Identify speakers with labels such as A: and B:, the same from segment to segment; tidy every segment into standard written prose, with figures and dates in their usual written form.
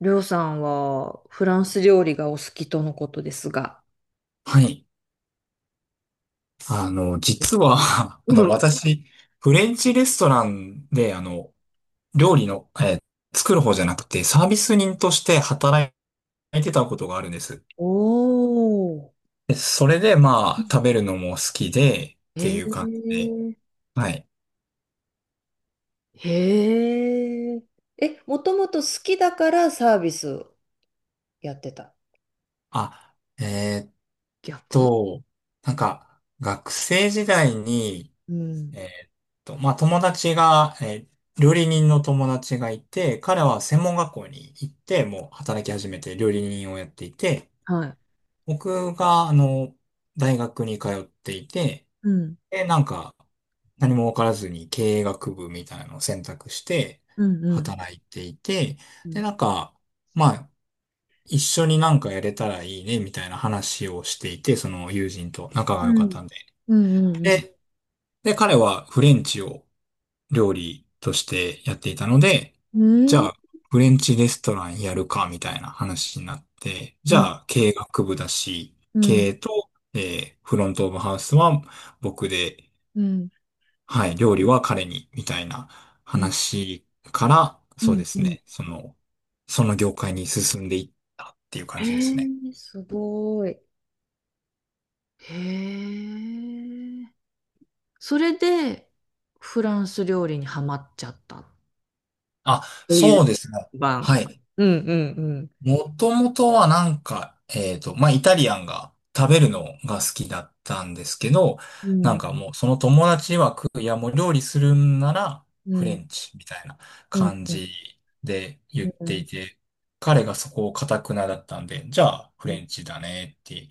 A: りょうさんはフランス料理がお好きとのことですが。
B: はい。実は、私、フレンチレストランで、料理の、作る方じゃなくて、サービス人として働いてたことがあるんです。
A: おー。
B: で、それで、まあ、食べるのも好きで、って
A: へえ。
B: いう感じで、はい。
A: へえ、え、もともと好きだからサービスやってた。
B: あ、えーっ
A: 逆。
B: と、なんか、学生時代に、
A: う
B: え
A: ん。
B: ーっまあ、友達が、料理人の友達がいて、彼は専門学校に行って、もう働き始めて料理人をやっていて、
A: はい。
B: 僕が、大学に通っていて、
A: うん。
B: で、なんか、何も分からずに経営学部みたいなのを選択して
A: うん。うん。
B: 働いていて、
A: うん。
B: で、なんか、まあ、一緒になんかやれたらいいね、みたいな話をしていて、その友人と仲
A: う
B: が良かっ
A: ん。
B: たんで。
A: うん。
B: で、で、彼はフレンチを料理としてやっていたので、
A: う
B: じゃ
A: ん。
B: あ、フレンチレストランやるか、みたいな話になって、じ
A: うん。
B: ゃあ、経営学部だし、
A: うん。うん。
B: 経営と、フロントオブハウスは僕で、
A: うん。
B: はい、料理は彼に、みたいな
A: う
B: 話から、そう
A: ん
B: で
A: う
B: す
A: ん。
B: ね、その業界に進んでいったっていう感
A: へ
B: じですね。
A: え、すごい。へえ。それで、フランス料理にハマっちゃった。
B: あ、
A: ていう
B: そうですね。は
A: 番。
B: い。
A: うんうん
B: もともとはなんか、まあ、イタリアンが食べるのが好きだったんですけど、
A: うん、
B: な
A: う
B: ん
A: ん、
B: かもうその友達曰く、いやもう料理するんなら
A: う
B: フレ
A: ん、
B: ンチみたいな
A: うん、
B: 感
A: うん、
B: じで言っ
A: う
B: て
A: ん、
B: いて、彼がそこを頑くなだったんで、じゃあフレンチだねって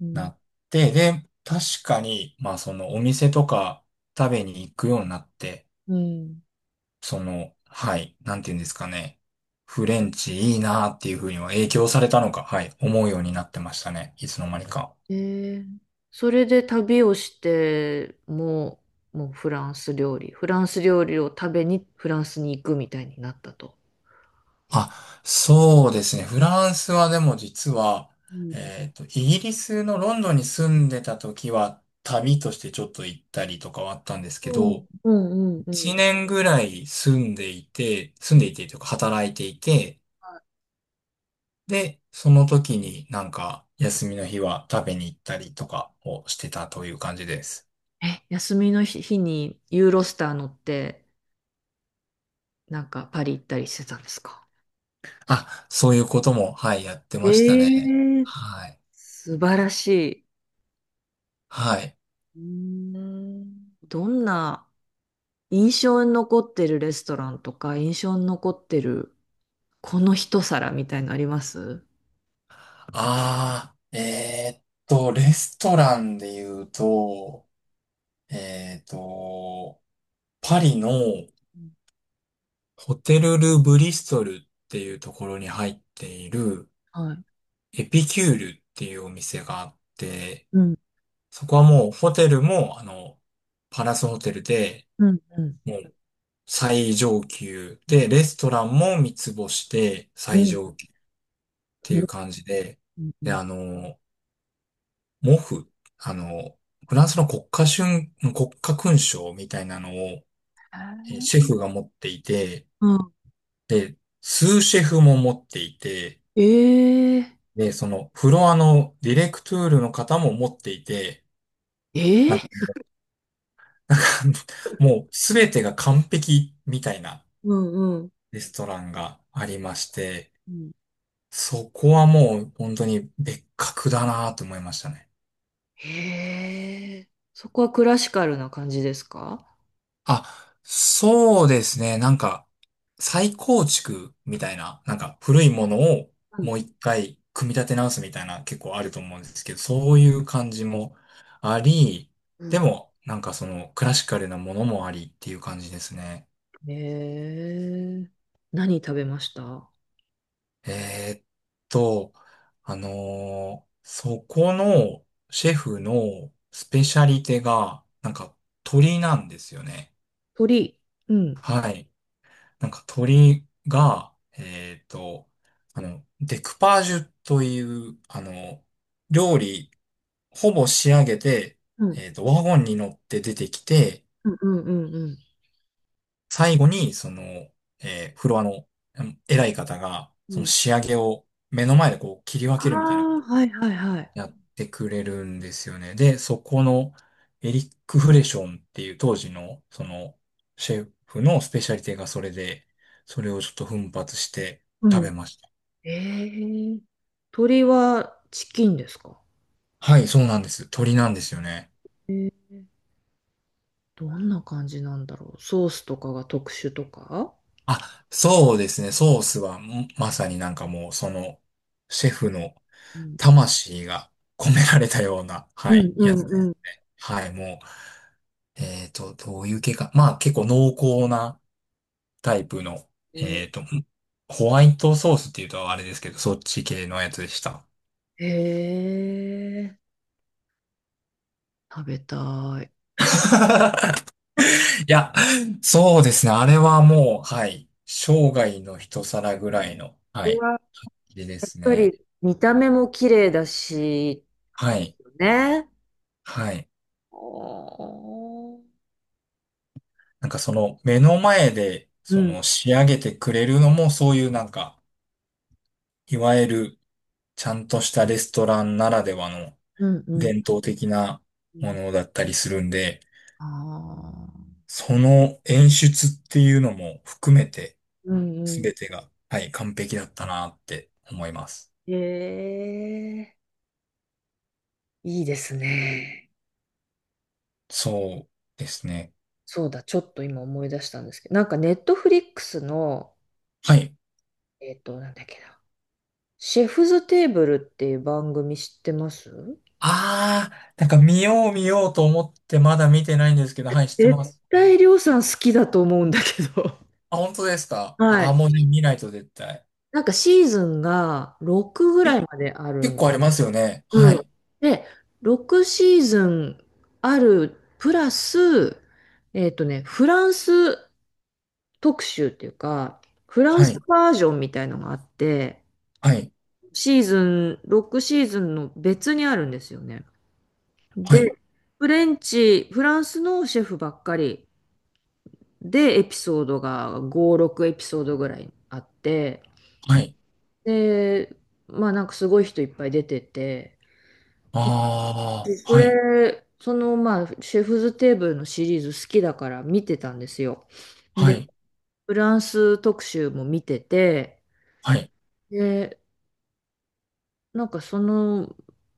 A: う
B: な
A: ん。
B: って、で、確かに、まあそのお店とか食べに行くようになって、
A: うん。
B: その、はい、なんて言うんですかね。フレンチいいなーっていうふうには影響されたのか、はい、思うようになってましたね。いつの間にか。
A: え、それで旅をして、もうフランス料理、フランス料理を食べにフランスに行くみたいになったと。
B: あ、そうですね。フランスはでも実は、
A: うん
B: イギリスのロンドンに住んでた時は、旅としてちょっと行ったりとかはあったんですけ
A: うん
B: ど、
A: うんうん
B: 1年ぐらい住んでいて、住
A: う
B: んで
A: ん。
B: いてというか働いていて、で、その時になんか休みの日は食べに行ったりとかをしてたという感じです。
A: え、休みの日にユーロスター乗って、なんかパリ行ったりしてたんですか？
B: あ、そういうことも、はい、やってましたね。
A: ええ、
B: はい。
A: 素晴らしい。
B: はい。
A: うーん、どんな印象に残ってるレストランとか、印象に残ってるこの一皿みたいのあります？
B: ああ、レストランで言うと、えーっと、パリの
A: うん。
B: ホテル・ル・ブリストルっていうところに入っている
A: はい。
B: エピキュールっていうお店があって、
A: うん、
B: そこはもうホテルも、パラスホテルで、
A: うん、うん。
B: もう最上級で、レストランも三つ星で
A: う
B: 最
A: ん、
B: 上級。
A: う
B: てい
A: ん、
B: う感じで、
A: うん。う
B: で、
A: ん
B: あの、モフ、あの、フランスの国家勲章みたいなのを、シェフが持っていて、
A: うん。
B: で、スーシェフも持っていて、
A: ええ。
B: で、そのフロアのディレクトゥールの方も持っていて、な
A: え
B: んか
A: え。
B: もう、なんかもうすべてが完璧みたいな
A: うんうん。
B: レストランがありまして、
A: うん。
B: そこはもう本当に別格だなと思いましたね。
A: へえ、そこはクラシカルな感じですか？
B: あ、そうですね。なんか、再構築みたいな、なんか古いものを
A: うん
B: もう一回組み立て直すみたいな結構あると思うんですけど、そういう感じもあり、
A: う
B: で
A: ん。
B: も、なんかそのクラシカルなものもありっていう感じですね。
A: へえ、何食べました？
B: えーっと、あのそこのシェフのスペシャリテが、なんか鳥なんですよね。
A: 鳥。うん。
B: はい。なんか鳥が、デクパージュという、料理、ほぼ仕上げて、
A: うん。
B: ワゴンに乗って出てきて、
A: うんうんうんうん。
B: 最後に、その、フロアのうん偉い方が、
A: う
B: その
A: ん。
B: 仕上げを目の前でこう切り分
A: あ
B: けるみたいなこ
A: あ、
B: とを
A: はいはいはい。
B: やってくれるんですよね。で、そこのエリック・フレションっていう当時の、その、シェフのスペシャリティがそれで、それをちょっと奮発して食べました。
A: ええ。鶏はチキンですか？
B: はい、そうなんです。鶏なんですよね。
A: えー、どんな感じなんだろう、ソースとかが特殊とか？
B: あ、そうですね。ソースは、まさになんかもう、その、シェフの
A: うん
B: 魂が込められたような、
A: う
B: は
A: ん
B: い、
A: う
B: や
A: ん
B: つで。
A: うん。
B: はい、もう、どういう系か。まあ、結構濃厚なタイプの、えっと、
A: え
B: んホワイトソースっていうとあれですけど、そっち系のやつでした。
A: ー。えー、食べたい。
B: いや、そうですね。あれはもう、はい、生涯の一皿ぐらいの、は
A: これ
B: い、
A: はやっ
B: 入れです
A: ぱ
B: ね。
A: り見た目も綺麗だし、
B: は
A: です
B: い。
A: よね。
B: はい。
A: おー。
B: なんかその目の前で
A: う
B: そ
A: ん。
B: の仕上げてくれるのもそういうなんか、いわゆるちゃんとしたレストランならではの
A: うんう
B: 伝
A: ん
B: 統的な
A: う
B: も
A: ん。
B: のだったりするんで、
A: ああ、
B: その演出っていうのも含めて
A: うんう
B: 全
A: ん。
B: てが、はい、完璧だったなって思います。
A: ええ、いいですね。
B: そうですね。
A: そうだ、ちょっと今思い出したんですけど、なんかネットフリックスの、
B: はい。
A: なんだっけな、シェフズテーブルっていう番組知ってます？
B: ああ、なんか見よう見ようと思ってまだ見てないんですけど、はい、知って
A: 絶
B: ます。
A: 対りょうさん好きだと思うんだけど。
B: あ、本当です か
A: は
B: ああ
A: い。
B: ー、もうね見ないと絶対。
A: なんかシーズンが6ぐらいまである
B: 結
A: んで
B: 構あり
A: す。
B: ますよね。
A: う
B: は
A: ん。
B: い。
A: で、6シーズンあるプラス、フランス特集っていうか、フラン
B: は
A: ス
B: い。
A: バージョンみたいのがあって、
B: はい。
A: シーズン、6シーズンの別にあるんですよね。
B: は
A: で、
B: い。
A: フレンチ、フランスのシェフばっかりで、エピソードが5、6エピソードぐらいあって、
B: はい。
A: で、まあなんかすごい人いっぱい出てて、
B: あ
A: で、
B: あ、
A: そ
B: はい。
A: れ、そのまあ、シェフズテーブルのシリーズ好きだから見てたんですよ。
B: は
A: で、
B: い。
A: フランス特集も見てて、
B: はい。
A: で、なんかその、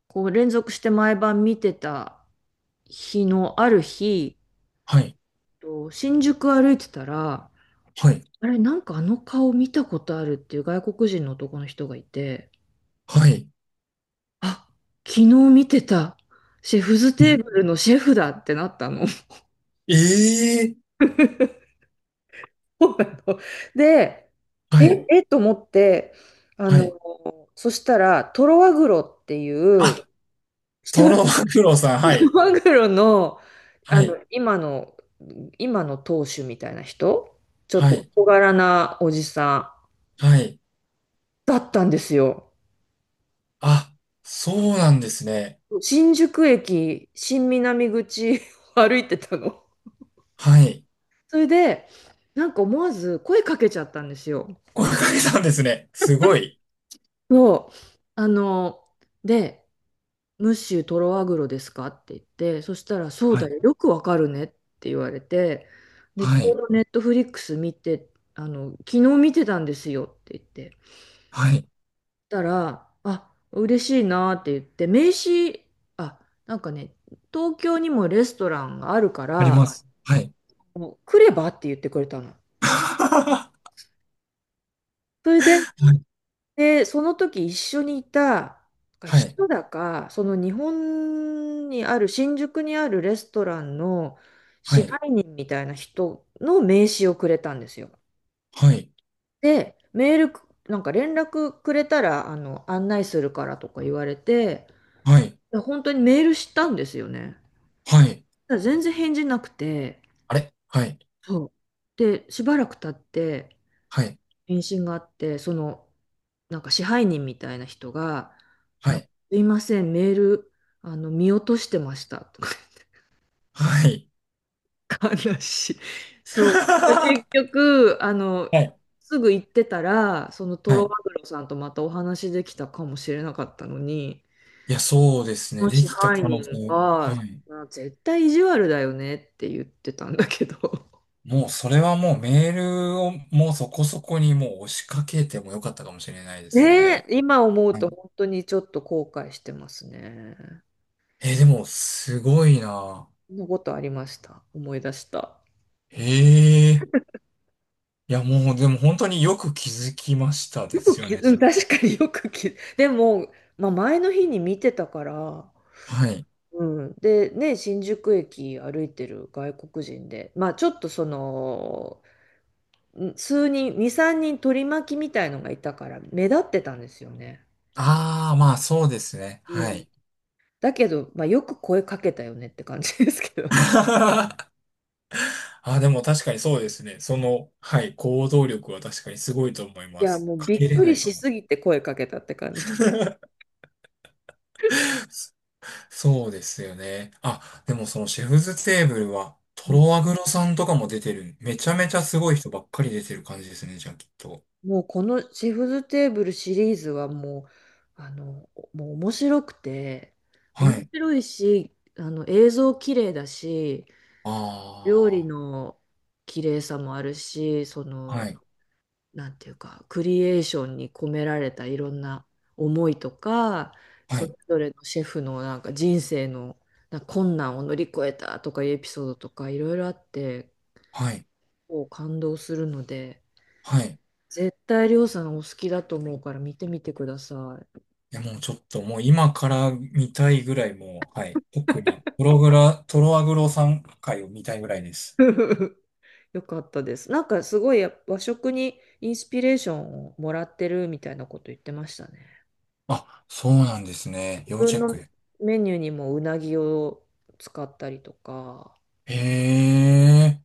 A: こう連続して毎晩見てた日のある日、
B: はい。
A: と新宿歩いてたら、
B: はい。
A: あれ、なんかあの顔見たことあるっていう外国人の男の人がいて、
B: はい。
A: あ、昨日見てた、シェフズテーブルのシェフだってなったの。
B: えええ
A: で、え、
B: はい。
A: えと思って、あ
B: は
A: の、
B: い。
A: そしたら、トロワグロってい
B: あ、
A: う、知って
B: ト
A: ま
B: ロマ
A: す？
B: グロさん。は
A: トロ
B: い。
A: ワグロの、
B: は
A: あの、
B: い。
A: 今の、今の当主みたいな人、ちょっ
B: は
A: と
B: い。
A: 小柄なおじさん。
B: はい。
A: だったんですよ。
B: あ、そうなんですね。
A: 新宿駅、新南口を 歩いてたの。
B: はい。
A: それで、なんか思わず声かけちゃったんですよ。
B: これかけたんですね。すごい。
A: そう。あの、で、ムッシュトロアグロですかって言って、そしたら、そう
B: は
A: だ
B: い。
A: よ、よくわかるねって言われて、で、ち
B: は
A: ょう
B: い。
A: どネットフリックス見て、昨日見てたんですよって言って、そし
B: はい。
A: たら、あ、嬉しいなって言って、名刺、あ、なんかね、東京にもレストランがあるか
B: ありま
A: ら、
B: す。はい。
A: もう来ればって言ってくれたの。
B: は
A: それで、
B: い。
A: で、その時一緒にいた
B: はい。
A: 人だか、その日本にある、新宿にあるレストランの
B: は
A: 支
B: い。
A: 配人みたいな人の名刺をくれたんですよ。
B: はい。
A: で、メールなんか連絡くれたら、案内するからとか言われて、
B: はい。
A: で本当にメールしたんですよね。
B: はい。
A: ただ全然返事なくて、
B: あれはい。
A: そう。で、しばらく経って、
B: はい。
A: 返信があって、その、なんか支配人みたいな人が、
B: は
A: なんか
B: い。
A: すいません、メール、見落としてました、とか。
B: はい。
A: 悲しい。そう。結
B: は
A: 局、
B: い。
A: すぐ行ってたら、そのト
B: は
A: ロ
B: い。
A: マグロさんとまたお話できたかもしれなかったのに、
B: いや、そうです
A: そ
B: ね。
A: の
B: で
A: 支
B: きた
A: 配
B: 可能
A: 人
B: 性。は
A: が、
B: い。
A: まあ絶対意地悪だよねって言ってたんだけど。
B: もう、それはもうメールをもうそこそこにもう押しかけてもよかったかもしれないです
A: ねえ、
B: ね。
A: 今思う
B: は
A: と
B: い。
A: 本当にちょっと後悔してますね。
B: でも、すごいな。
A: のことありました。思い出した。
B: へえ。いや、もう、でも本当によく気づきましたで
A: よく
B: すよ
A: き、
B: ね、
A: う
B: そ
A: ん、
B: れ。
A: 確かによくき、でも、まあ、前の日に見てたから、
B: はい。
A: うん、で、ね、新宿駅歩いてる外国人で、まあ、ちょっとその、数人、2、3人取り巻きみたいのがいたから、目立ってたんですよね。
B: ああ、まあ、そうですね。
A: う
B: は
A: ん。
B: い。
A: だけど、まあ、よく声かけたよねって感じですけどね。
B: あ、でも確かにそうですね。その、はい、行動力は確かにすごいと思い
A: い
B: ま
A: や、
B: す。
A: もう
B: か
A: び
B: け
A: っ
B: れ
A: く
B: な
A: り
B: いか
A: し
B: も。
A: すぎて声かけたって感じ。
B: そうですよね。あ、でもそのシェフズテーブルは、
A: う
B: ト
A: ん、
B: ロワグロさんとかも出てる。めちゃめちゃすごい人ばっかり出てる感じですね、じゃあきっと。
A: もうこのシェフズテーブルシリーズはもう、もう面白くて、
B: は
A: 面
B: い。
A: 白いし、映像綺麗だし、料理
B: あ
A: の綺麗さもあるし、そ
B: あ、は
A: の、
B: い、
A: なんていうか、クリエーションに込められたいろんな思いとか、
B: は
A: それ
B: い、
A: ぞれのシェフのなんか人生のなんか困難を乗り越えたとかいうエピソードとかいろいろあって、
B: はい、
A: こう感動するので、
B: はい。
A: 絶対りょうさんお好きだと思うから見てみてください。
B: いや、もうちょっともう今から見たいぐらいもう、はい。特に、トロワグロさん回を見たいぐらいです。
A: よかったです。なんかすごいや、和食にインスピレーションをもらってるみたいなこと言ってましたね。
B: あ、そうなんですね。
A: 自
B: 要チ
A: 分
B: ェッ
A: の
B: クで。
A: メニューにもうなぎを使ったりとか。
B: へえ。